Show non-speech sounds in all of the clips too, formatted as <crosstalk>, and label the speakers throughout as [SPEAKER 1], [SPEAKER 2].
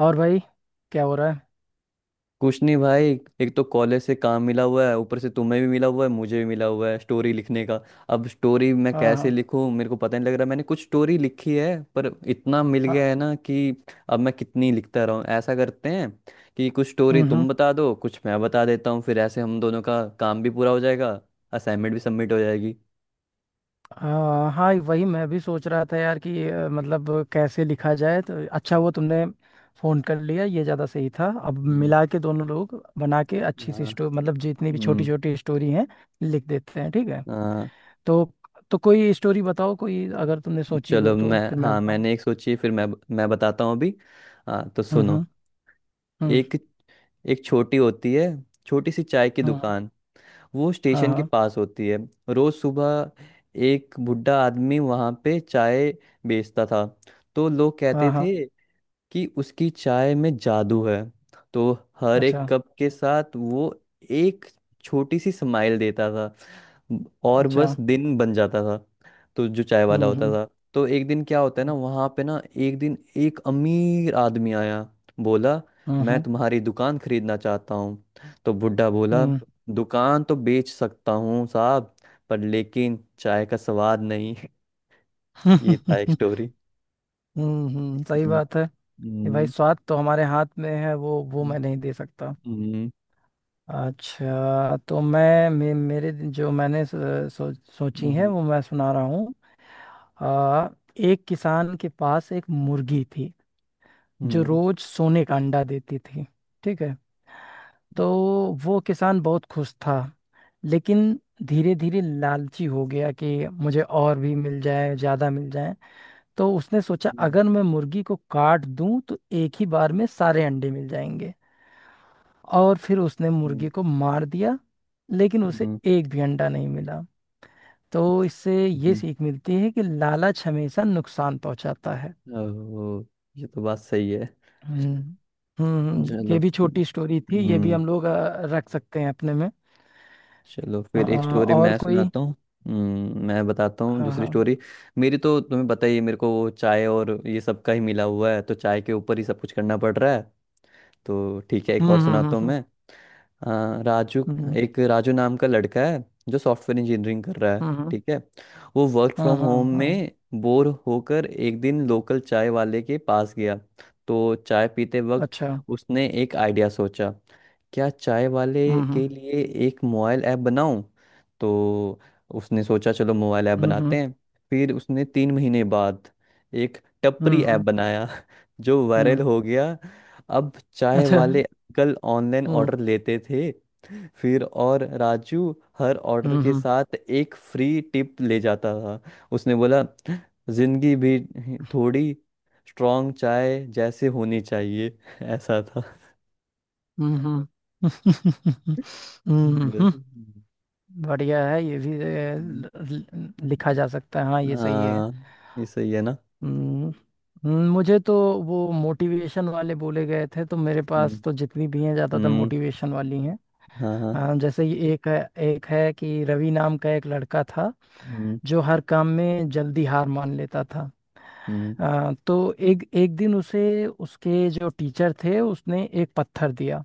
[SPEAKER 1] और भाई। क्या हो रहा है?
[SPEAKER 2] कुछ नहीं भाई, एक तो कॉलेज से काम मिला हुआ है, ऊपर से तुम्हें भी मिला हुआ है, मुझे भी मिला हुआ है स्टोरी लिखने का। अब स्टोरी मैं
[SPEAKER 1] हाँ
[SPEAKER 2] कैसे
[SPEAKER 1] हाँ।
[SPEAKER 2] लिखूं मेरे को पता नहीं लग रहा। मैंने कुछ स्टोरी लिखी है पर इतना मिल
[SPEAKER 1] हाँ।
[SPEAKER 2] गया है ना कि अब मैं कितनी लिखता रहूं। ऐसा करते हैं कि कुछ स्टोरी
[SPEAKER 1] हम्म।
[SPEAKER 2] तुम बता दो, कुछ मैं बता देता हूँ, फिर ऐसे हम दोनों का काम भी पूरा हो जाएगा, असाइनमेंट भी सबमिट हो जाएगी।
[SPEAKER 1] हाँ हाँ, वही मैं भी सोच रहा था यार कि मतलब कैसे लिखा जाए, तो अच्छा हुआ तुमने फोन कर लिया। ये ज़्यादा सही था। अब
[SPEAKER 2] हम्म।
[SPEAKER 1] मिला के दोनों लोग बना के अच्छी सी
[SPEAKER 2] हाँ।
[SPEAKER 1] स्टोरी, मतलब जितनी भी छोटी
[SPEAKER 2] हम्म।
[SPEAKER 1] छोटी स्टोरी हैं लिख देते हैं। ठीक है।
[SPEAKER 2] हाँ।
[SPEAKER 1] तो तो कोई स्टोरी बताओ, कोई अगर तुमने सोची
[SPEAKER 2] चलो,
[SPEAKER 1] हो तो
[SPEAKER 2] मैं,
[SPEAKER 1] फिर मैं
[SPEAKER 2] हाँ,
[SPEAKER 1] बताऊँ।
[SPEAKER 2] मैंने एक सोची, फिर मैं बताता हूँ अभी। हाँ, तो सुनो।
[SPEAKER 1] हम्म। हम्म
[SPEAKER 2] एक एक छोटी होती है, छोटी सी चाय की
[SPEAKER 1] हम्म,
[SPEAKER 2] दुकान। वो
[SPEAKER 1] हाँ
[SPEAKER 2] स्टेशन के
[SPEAKER 1] हाँ।
[SPEAKER 2] पास होती है। रोज सुबह एक बुढ़ा आदमी वहां पे चाय बेचता था। तो लोग कहते
[SPEAKER 1] हाँ हाँ।
[SPEAKER 2] थे कि उसकी चाय में जादू है। तो हर एक
[SPEAKER 1] अच्छा।
[SPEAKER 2] कप के साथ वो एक छोटी सी स्माइल देता था और
[SPEAKER 1] अच्छा।
[SPEAKER 2] बस दिन बन जाता था। तो जो चाय वाला होता
[SPEAKER 1] हम्म।
[SPEAKER 2] था, तो एक दिन क्या होता है ना, वहाँ पे ना एक दिन एक अमीर आदमी आया। बोला, मैं
[SPEAKER 1] हम्म
[SPEAKER 2] तुम्हारी दुकान खरीदना चाहता हूँ। तो बुड्ढा बोला,
[SPEAKER 1] हम्म।
[SPEAKER 2] दुकान तो बेच सकता हूँ साहब, पर लेकिन चाय का स्वाद नहीं। <laughs> ये था एक
[SPEAKER 1] हम्म <laughs>
[SPEAKER 2] स्टोरी।
[SPEAKER 1] सही
[SPEAKER 2] हम्म।
[SPEAKER 1] बात है। कि भाई
[SPEAKER 2] हम्म।
[SPEAKER 1] स्वाद तो हमारे हाथ में है, वो मैं नहीं दे सकता।
[SPEAKER 2] हम्म।
[SPEAKER 1] अच्छा तो मैं मेरे जो मैंने सोची है
[SPEAKER 2] हम्म।
[SPEAKER 1] वो मैं सुना रहा हूँ। आ, एक किसान के पास एक मुर्गी थी जो
[SPEAKER 2] हम्म।
[SPEAKER 1] रोज सोने का अंडा देती थी। ठीक है। तो वो किसान बहुत खुश था। लेकिन धीरे धीरे लालची हो गया कि मुझे और भी मिल जाए, ज़्यादा मिल जाए। तो उसने सोचा
[SPEAKER 2] हम्म।
[SPEAKER 1] अगर मैं मुर्गी को काट दूं तो एक ही बार में सारे अंडे मिल जाएंगे। और फिर उसने मुर्गी
[SPEAKER 2] हम्म।
[SPEAKER 1] को मार दिया। लेकिन उसे
[SPEAKER 2] हम्म।
[SPEAKER 1] एक भी अंडा नहीं मिला। तो इससे ये
[SPEAKER 2] हम्म।
[SPEAKER 1] सीख मिलती है कि लालच हमेशा नुकसान पहुंचाता है।
[SPEAKER 2] हम्म। ओह, ये तो बात सही है।
[SPEAKER 1] हम्म हम्म।
[SPEAKER 2] चलो।
[SPEAKER 1] ये भी छोटी स्टोरी थी, ये भी
[SPEAKER 2] हम्म।
[SPEAKER 1] हम लोग रख सकते हैं अपने में।
[SPEAKER 2] चलो फिर एक स्टोरी
[SPEAKER 1] और
[SPEAKER 2] मैं
[SPEAKER 1] कोई?
[SPEAKER 2] सुनाता हूँ। मैं बताता हूँ
[SPEAKER 1] हाँ
[SPEAKER 2] दूसरी
[SPEAKER 1] हाँ।
[SPEAKER 2] स्टोरी। मेरी तो तुम्हें पता ही है, मेरे को वो चाय और ये सब का ही मिला हुआ है, तो चाय के ऊपर ही सब कुछ करना पड़ रहा है। तो ठीक है, एक और
[SPEAKER 1] हम्म।
[SPEAKER 2] सुनाता हूँ मैं। हाँ, राजू।
[SPEAKER 1] हम्म।
[SPEAKER 2] एक राजू नाम का लड़का है जो सॉफ्टवेयर इंजीनियरिंग कर रहा है।
[SPEAKER 1] हम्म हम्म, हम्म,
[SPEAKER 2] ठीक है। वो वर्क
[SPEAKER 1] हाँ
[SPEAKER 2] फ्रॉम
[SPEAKER 1] हाँ
[SPEAKER 2] होम
[SPEAKER 1] हाँ।
[SPEAKER 2] में बोर होकर एक दिन लोकल चाय वाले के पास गया। तो चाय पीते वक्त
[SPEAKER 1] अच्छा।
[SPEAKER 2] उसने एक आइडिया सोचा, क्या चाय वाले
[SPEAKER 1] हम्म
[SPEAKER 2] के लिए एक मोबाइल ऐप बनाऊं। तो उसने सोचा, चलो मोबाइल ऐप
[SPEAKER 1] हम्म।
[SPEAKER 2] बनाते हैं। फिर उसने 3 महीने बाद एक टपरी
[SPEAKER 1] हम्म।
[SPEAKER 2] ऐप बनाया <laughs> जो
[SPEAKER 1] हम्म,
[SPEAKER 2] वायरल हो गया। अब चाय
[SPEAKER 1] अच्छा।
[SPEAKER 2] वाले कल ऑनलाइन
[SPEAKER 1] हम्म
[SPEAKER 2] ऑर्डर लेते थे। फिर और राजू हर ऑर्डर के
[SPEAKER 1] हम्म।
[SPEAKER 2] साथ एक फ्री टिप ले जाता था। उसने बोला, जिंदगी भी थोड़ी स्ट्रांग चाय जैसे होनी चाहिए। <laughs> ऐसा था।
[SPEAKER 1] हम्म हम्म <laughs>
[SPEAKER 2] बस।
[SPEAKER 1] हम्म। बढ़िया है, ये भी लिखा जा सकता है। हाँ ये सही है।
[SPEAKER 2] हाँ, ये सही है ना।
[SPEAKER 1] हम्म मुझे तो वो मोटिवेशन वाले बोले गए थे, तो मेरे
[SPEAKER 2] हम्म।
[SPEAKER 1] पास तो जितनी भी हैं ज्यादातर
[SPEAKER 2] हम्म।
[SPEAKER 1] मोटिवेशन वाली हैं।
[SPEAKER 2] हाँ हाँ।
[SPEAKER 1] जैसे ये एक है। एक है कि रवि नाम का एक लड़का था
[SPEAKER 2] हम्म।
[SPEAKER 1] जो हर काम में जल्दी हार मान लेता था।
[SPEAKER 2] हम्म।
[SPEAKER 1] तो एक एक दिन उसे उसके जो टीचर थे उसने एक पत्थर दिया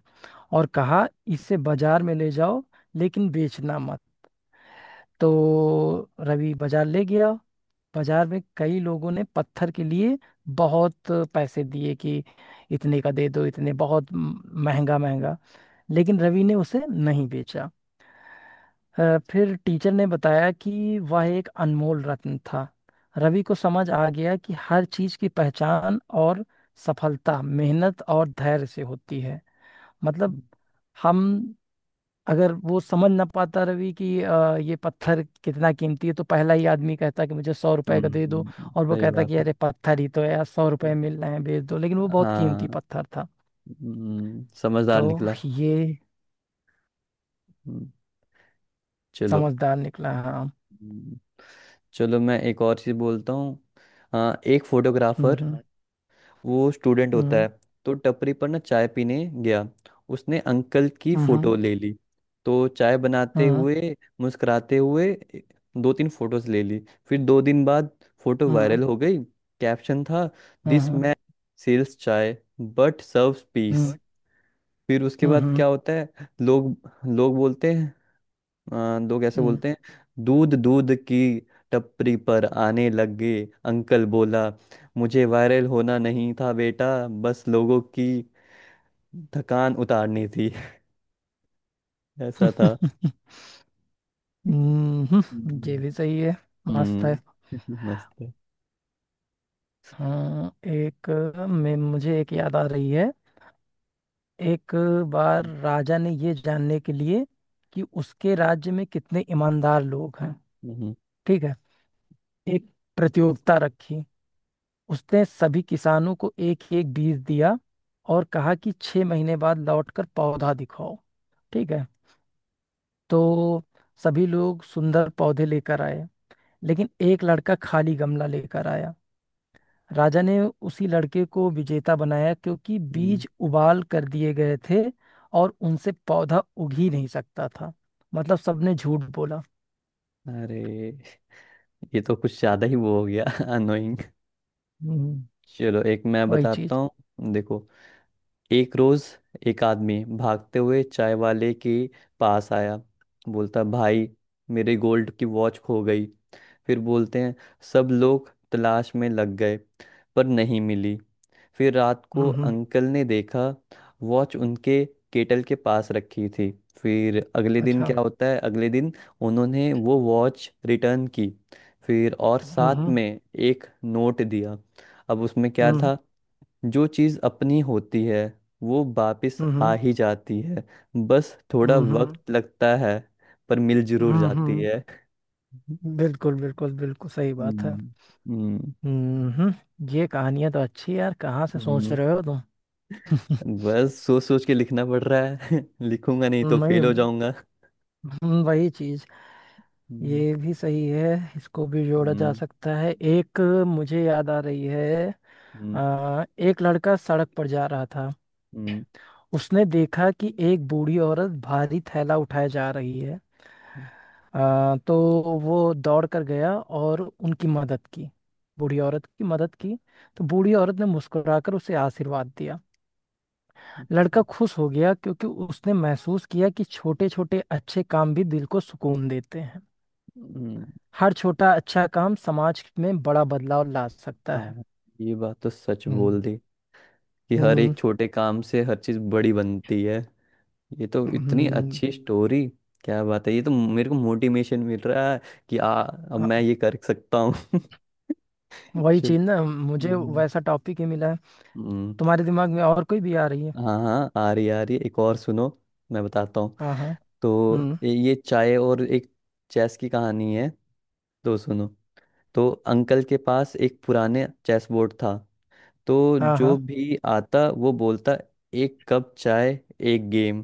[SPEAKER 1] और कहा इसे बाजार में ले जाओ लेकिन बेचना मत। तो रवि बाजार ले गया। बाजार में कई लोगों ने पत्थर के लिए बहुत पैसे दिए कि इतने का दे दो, इतने, बहुत महंगा
[SPEAKER 2] हम्म।
[SPEAKER 1] महंगा। लेकिन रवि ने उसे नहीं बेचा। फिर टीचर ने बताया कि वह एक अनमोल रत्न था। रवि को समझ आ गया कि हर चीज की पहचान और सफलता मेहनत और धैर्य से होती है। मतलब हम, अगर वो समझ ना पाता रवि कि ये पत्थर कितना कीमती है, तो पहला ही आदमी कहता कि मुझे 100 रुपए का दे दो।
[SPEAKER 2] हम्म।
[SPEAKER 1] और वो
[SPEAKER 2] सही
[SPEAKER 1] कहता
[SPEAKER 2] बात
[SPEAKER 1] कि
[SPEAKER 2] है।
[SPEAKER 1] अरे पत्थर ही तो है यार, 100 रुपए मिल रहे हैं बेच दो, लेकिन वो बहुत
[SPEAKER 2] हाँ।
[SPEAKER 1] कीमती पत्थर था। तो
[SPEAKER 2] समझदार निकला।
[SPEAKER 1] ये
[SPEAKER 2] हम्म। चलो।
[SPEAKER 1] समझदार निकला, हाँ।
[SPEAKER 2] हम्म, चलो मैं एक और चीज बोलता हूँ। हाँ, एक फोटोग्राफर,
[SPEAKER 1] हम्म
[SPEAKER 2] वो स्टूडेंट होता
[SPEAKER 1] हम्म।
[SPEAKER 2] है, तो टपरी पर ना चाय पीने गया। उसने अंकल की
[SPEAKER 1] हम्म
[SPEAKER 2] फोटो ले ली। तो चाय बनाते
[SPEAKER 1] हम्म।
[SPEAKER 2] हुए, मुस्कुराते हुए, ए- दो तीन फोटोज ले ली। फिर 2 दिन बाद फोटो
[SPEAKER 1] हम्म
[SPEAKER 2] वायरल हो गई। कैप्शन था, this
[SPEAKER 1] hmm.
[SPEAKER 2] Man sells chai but serves peace.
[SPEAKER 1] हम्म
[SPEAKER 2] फिर उसके
[SPEAKER 1] हम्म।
[SPEAKER 2] बाद क्या होता है, लोग लोग बोलते हैं। लोग ऐसे
[SPEAKER 1] हम्म, हम्म,
[SPEAKER 2] बोलते हैं। दूध दूध की टपरी पर आने लग गए। अंकल बोला, मुझे वायरल होना नहीं था बेटा, बस लोगों की थकान उतारनी थी। <laughs> ऐसा था।
[SPEAKER 1] <laughs> ये
[SPEAKER 2] हम्म।
[SPEAKER 1] भी सही है। मस्त है।
[SPEAKER 2] हम्म। <laughs> मस्त है।
[SPEAKER 1] हाँ एक। मैं मुझे एक याद आ रही है। एक बार राजा ने ये जानने के लिए कि उसके राज्य में कितने ईमानदार लोग हैं,
[SPEAKER 2] हम्म।
[SPEAKER 1] ठीक है, एक प्रतियोगिता रखी। उसने सभी किसानों को एक एक बीज दिया और कहा कि 6 महीने बाद लौटकर पौधा दिखाओ। ठीक है। तो सभी लोग सुंदर पौधे लेकर आए। लेकिन एक लड़का खाली गमला लेकर आया। राजा ने उसी लड़के को विजेता बनाया क्योंकि
[SPEAKER 2] हम्म।
[SPEAKER 1] बीज उबाल कर दिए गए थे और उनसे पौधा उग ही नहीं सकता था। मतलब सबने झूठ बोला।
[SPEAKER 2] अरे, ये तो कुछ ज्यादा ही वो हो गया <laughs> अनोइंग।
[SPEAKER 1] हम्म
[SPEAKER 2] चलो, एक मैं
[SPEAKER 1] वही
[SPEAKER 2] बताता
[SPEAKER 1] चीज।
[SPEAKER 2] हूँ। देखो, एक रोज एक आदमी भागते हुए चाय वाले के पास आया। बोलता, भाई मेरे गोल्ड की वॉच खो गई। फिर बोलते हैं, सब लोग तलाश में लग गए पर नहीं मिली। फिर रात को
[SPEAKER 1] हम्म।
[SPEAKER 2] अंकल ने देखा वॉच उनके केटल के पास रखी थी। फिर अगले दिन
[SPEAKER 1] अच्छा।
[SPEAKER 2] क्या होता है, अगले दिन उन्होंने वो वॉच रिटर्न की। फिर और साथ
[SPEAKER 1] हम्म।
[SPEAKER 2] में एक नोट दिया। अब उसमें क्या था, जो चीज़ अपनी होती है वो वापस आ
[SPEAKER 1] हम्म
[SPEAKER 2] ही जाती है, बस थोड़ा
[SPEAKER 1] हम्म।
[SPEAKER 2] वक्त लगता है, पर मिल जरूर जाती
[SPEAKER 1] हम्म।
[SPEAKER 2] है।
[SPEAKER 1] बिल्कुल बिल्कुल बिल्कुल सही बात है।
[SPEAKER 2] हम्म। हम्म।
[SPEAKER 1] हम्म। ये कहानियां तो अच्छी है यार, कहाँ से सोच
[SPEAKER 2] हम्म,
[SPEAKER 1] रहे हो तुम?
[SPEAKER 2] बस सोच सोच के लिखना पड़ रहा है। <laughs> लिखूंगा
[SPEAKER 1] <laughs>
[SPEAKER 2] नहीं तो
[SPEAKER 1] वही।
[SPEAKER 2] फेल हो जाऊंगा।
[SPEAKER 1] वही चीज।
[SPEAKER 2] हम्म।
[SPEAKER 1] ये भी सही है, इसको भी जोड़ा जा
[SPEAKER 2] हम्म।
[SPEAKER 1] सकता है। एक मुझे याद आ रही है।
[SPEAKER 2] हम्म।
[SPEAKER 1] एक लड़का सड़क पर जा रहा था।
[SPEAKER 2] हम्म।
[SPEAKER 1] उसने देखा कि एक बूढ़ी औरत भारी थैला उठाए जा रही है। तो वो दौड़ कर गया और उनकी मदद की। बूढ़ी औरत की मदद की। तो बूढ़ी औरत ने मुस्कुराकर उसे आशीर्वाद दिया। लड़का
[SPEAKER 2] हम्म।
[SPEAKER 1] खुश हो गया क्योंकि उसने महसूस किया कि छोटे छोटे अच्छे काम भी दिल को सुकून देते हैं।
[SPEAKER 2] हम्म।
[SPEAKER 1] हर छोटा अच्छा काम समाज में बड़ा बदलाव ला सकता है।
[SPEAKER 2] हाँ, ये बात तो सच
[SPEAKER 1] हम्म
[SPEAKER 2] बोल दी कि हर
[SPEAKER 1] हम्म।
[SPEAKER 2] एक छोटे काम से हर चीज़ बड़ी बनती है। ये तो इतनी
[SPEAKER 1] हम्म,
[SPEAKER 2] अच्छी स्टोरी, क्या बात है। ये तो मेरे को मोटिवेशन मिल रहा है कि आ अब
[SPEAKER 1] अ,
[SPEAKER 2] मैं ये कर सकता हूँ। <laughs>
[SPEAKER 1] वही
[SPEAKER 2] चलो।
[SPEAKER 1] चीज ना, मुझे
[SPEAKER 2] हम्म।
[SPEAKER 1] वैसा टॉपिक ही मिला है।
[SPEAKER 2] हम्म,
[SPEAKER 1] तुम्हारे दिमाग में और कोई भी आ रही है?
[SPEAKER 2] हाँ हाँ आ रही है। एक और सुनो, मैं बताता हूँ।
[SPEAKER 1] हाँ हाँ।
[SPEAKER 2] तो
[SPEAKER 1] हम्म।
[SPEAKER 2] ये चाय और एक चेस की कहानी है। तो सुनो। तो अंकल के पास एक पुराने चेस बोर्ड था। तो
[SPEAKER 1] हाँ
[SPEAKER 2] जो
[SPEAKER 1] हाँ।
[SPEAKER 2] भी आता वो बोलता, एक कप चाय, एक गेम।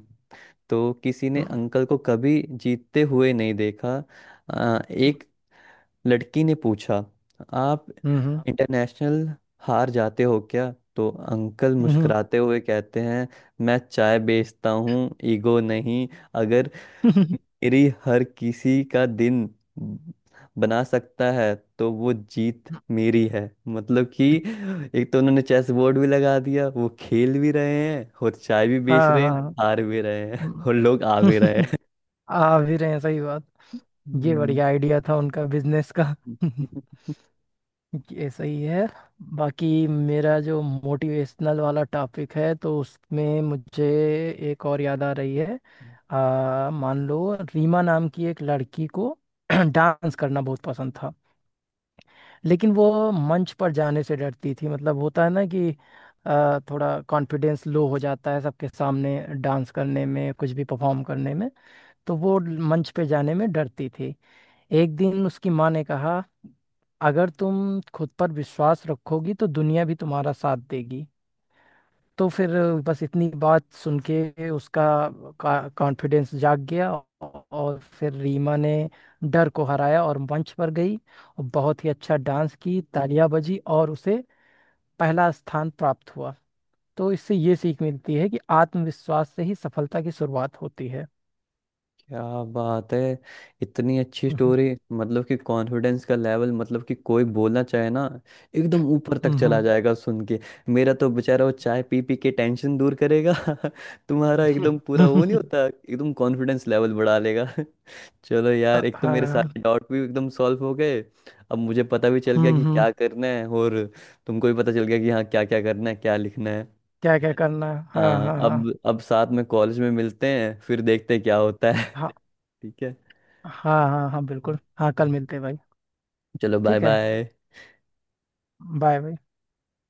[SPEAKER 2] तो किसी ने
[SPEAKER 1] हम्म
[SPEAKER 2] अंकल को कभी जीतते हुए नहीं देखा। एक लड़की ने पूछा, आप
[SPEAKER 1] हम्म। हम्म
[SPEAKER 2] इंटरनेशनल हार जाते हो क्या? तो अंकल मुस्कुराते हुए कहते हैं, मैं चाय बेचता हूँ, ईगो नहीं। अगर
[SPEAKER 1] हम्म,
[SPEAKER 2] मेरी हर किसी का दिन ब- बना सकता है तो वो जीत
[SPEAKER 1] <laughs>
[SPEAKER 2] मेरी है। मतलब कि एक तो उन्होंने चेस बोर्ड भी लगा दिया, वो खेल भी रहे हैं और चाय भी बेच
[SPEAKER 1] हाँ
[SPEAKER 2] रहे हैं,
[SPEAKER 1] हाँ।
[SPEAKER 2] हार भी रहे हैं
[SPEAKER 1] हम्म,
[SPEAKER 2] और लोग आ भी रहे
[SPEAKER 1] <laughs>
[SPEAKER 2] हैं।
[SPEAKER 1] आ भी रहे हैं, सही बात। ये बढ़िया आइडिया था उनका बिजनेस का।
[SPEAKER 2] <laughs>
[SPEAKER 1] <laughs>
[SPEAKER 2] हम्म।
[SPEAKER 1] ये सही है। बाकी मेरा जो मोटिवेशनल वाला टॉपिक है तो उसमें मुझे एक और याद आ रही है। मान लो रीमा नाम की एक लड़की को <clears throat> डांस करना बहुत पसंद था। लेकिन वो मंच पर जाने से डरती थी, मतलब होता है ना कि थोड़ा कॉन्फिडेंस लो हो जाता है सबके सामने डांस करने में, कुछ भी परफॉर्म करने में। तो वो मंच पे जाने में डरती थी। एक दिन उसकी माँ ने कहा, अगर तुम खुद पर विश्वास रखोगी तो दुनिया भी तुम्हारा साथ देगी। तो फिर बस इतनी बात सुन के उसका कॉन्फिडेंस जाग गया। और फिर रीमा ने डर को हराया और मंच पर गई और बहुत ही अच्छा डांस की, तालियां बजी और उसे पहला स्थान प्राप्त हुआ। तो इससे ये सीख मिलती है कि आत्मविश्वास से ही सफलता की शुरुआत होती है।
[SPEAKER 2] क्या बात है, इतनी अच्छी
[SPEAKER 1] हम्म
[SPEAKER 2] स्टोरी। मतलब कि कॉन्फिडेंस का लेवल, मतलब कि कोई बोलना चाहे ना, एकदम ऊपर तक चला
[SPEAKER 1] हम्म।
[SPEAKER 2] जाएगा सुन के। मेरा तो बेचारा वो चाय पी पी के टेंशन दूर करेगा। <laughs> तुम्हारा
[SPEAKER 1] हम्म,
[SPEAKER 2] एकदम पूरा वो नहीं
[SPEAKER 1] हम्म,
[SPEAKER 2] होता, एकदम कॉन्फिडेंस लेवल बढ़ा लेगा। <laughs> चलो
[SPEAKER 1] <laughs>
[SPEAKER 2] यार, एक तो मेरे
[SPEAKER 1] हाँ।
[SPEAKER 2] सारे डाउट भी एकदम सॉल्व हो गए। अब मुझे पता भी चल गया कि
[SPEAKER 1] हम्म।
[SPEAKER 2] क्या करना है, और तुमको भी पता चल गया कि हाँ क्या क्या करना है, क्या लिखना है।
[SPEAKER 1] क्या क्या करना है, हाँ
[SPEAKER 2] हाँ,
[SPEAKER 1] हाँ हाँ।
[SPEAKER 2] अब साथ में कॉलेज में मिलते हैं, फिर देखते हैं क्या होता है।
[SPEAKER 1] हाँ
[SPEAKER 2] <laughs> ठीक है,
[SPEAKER 1] हाँ हाँ हाँ बिल्कुल हाँ, कल मिलते हैं भाई।
[SPEAKER 2] चलो बाय
[SPEAKER 1] ठीक है।
[SPEAKER 2] बाय।
[SPEAKER 1] बाय भाई।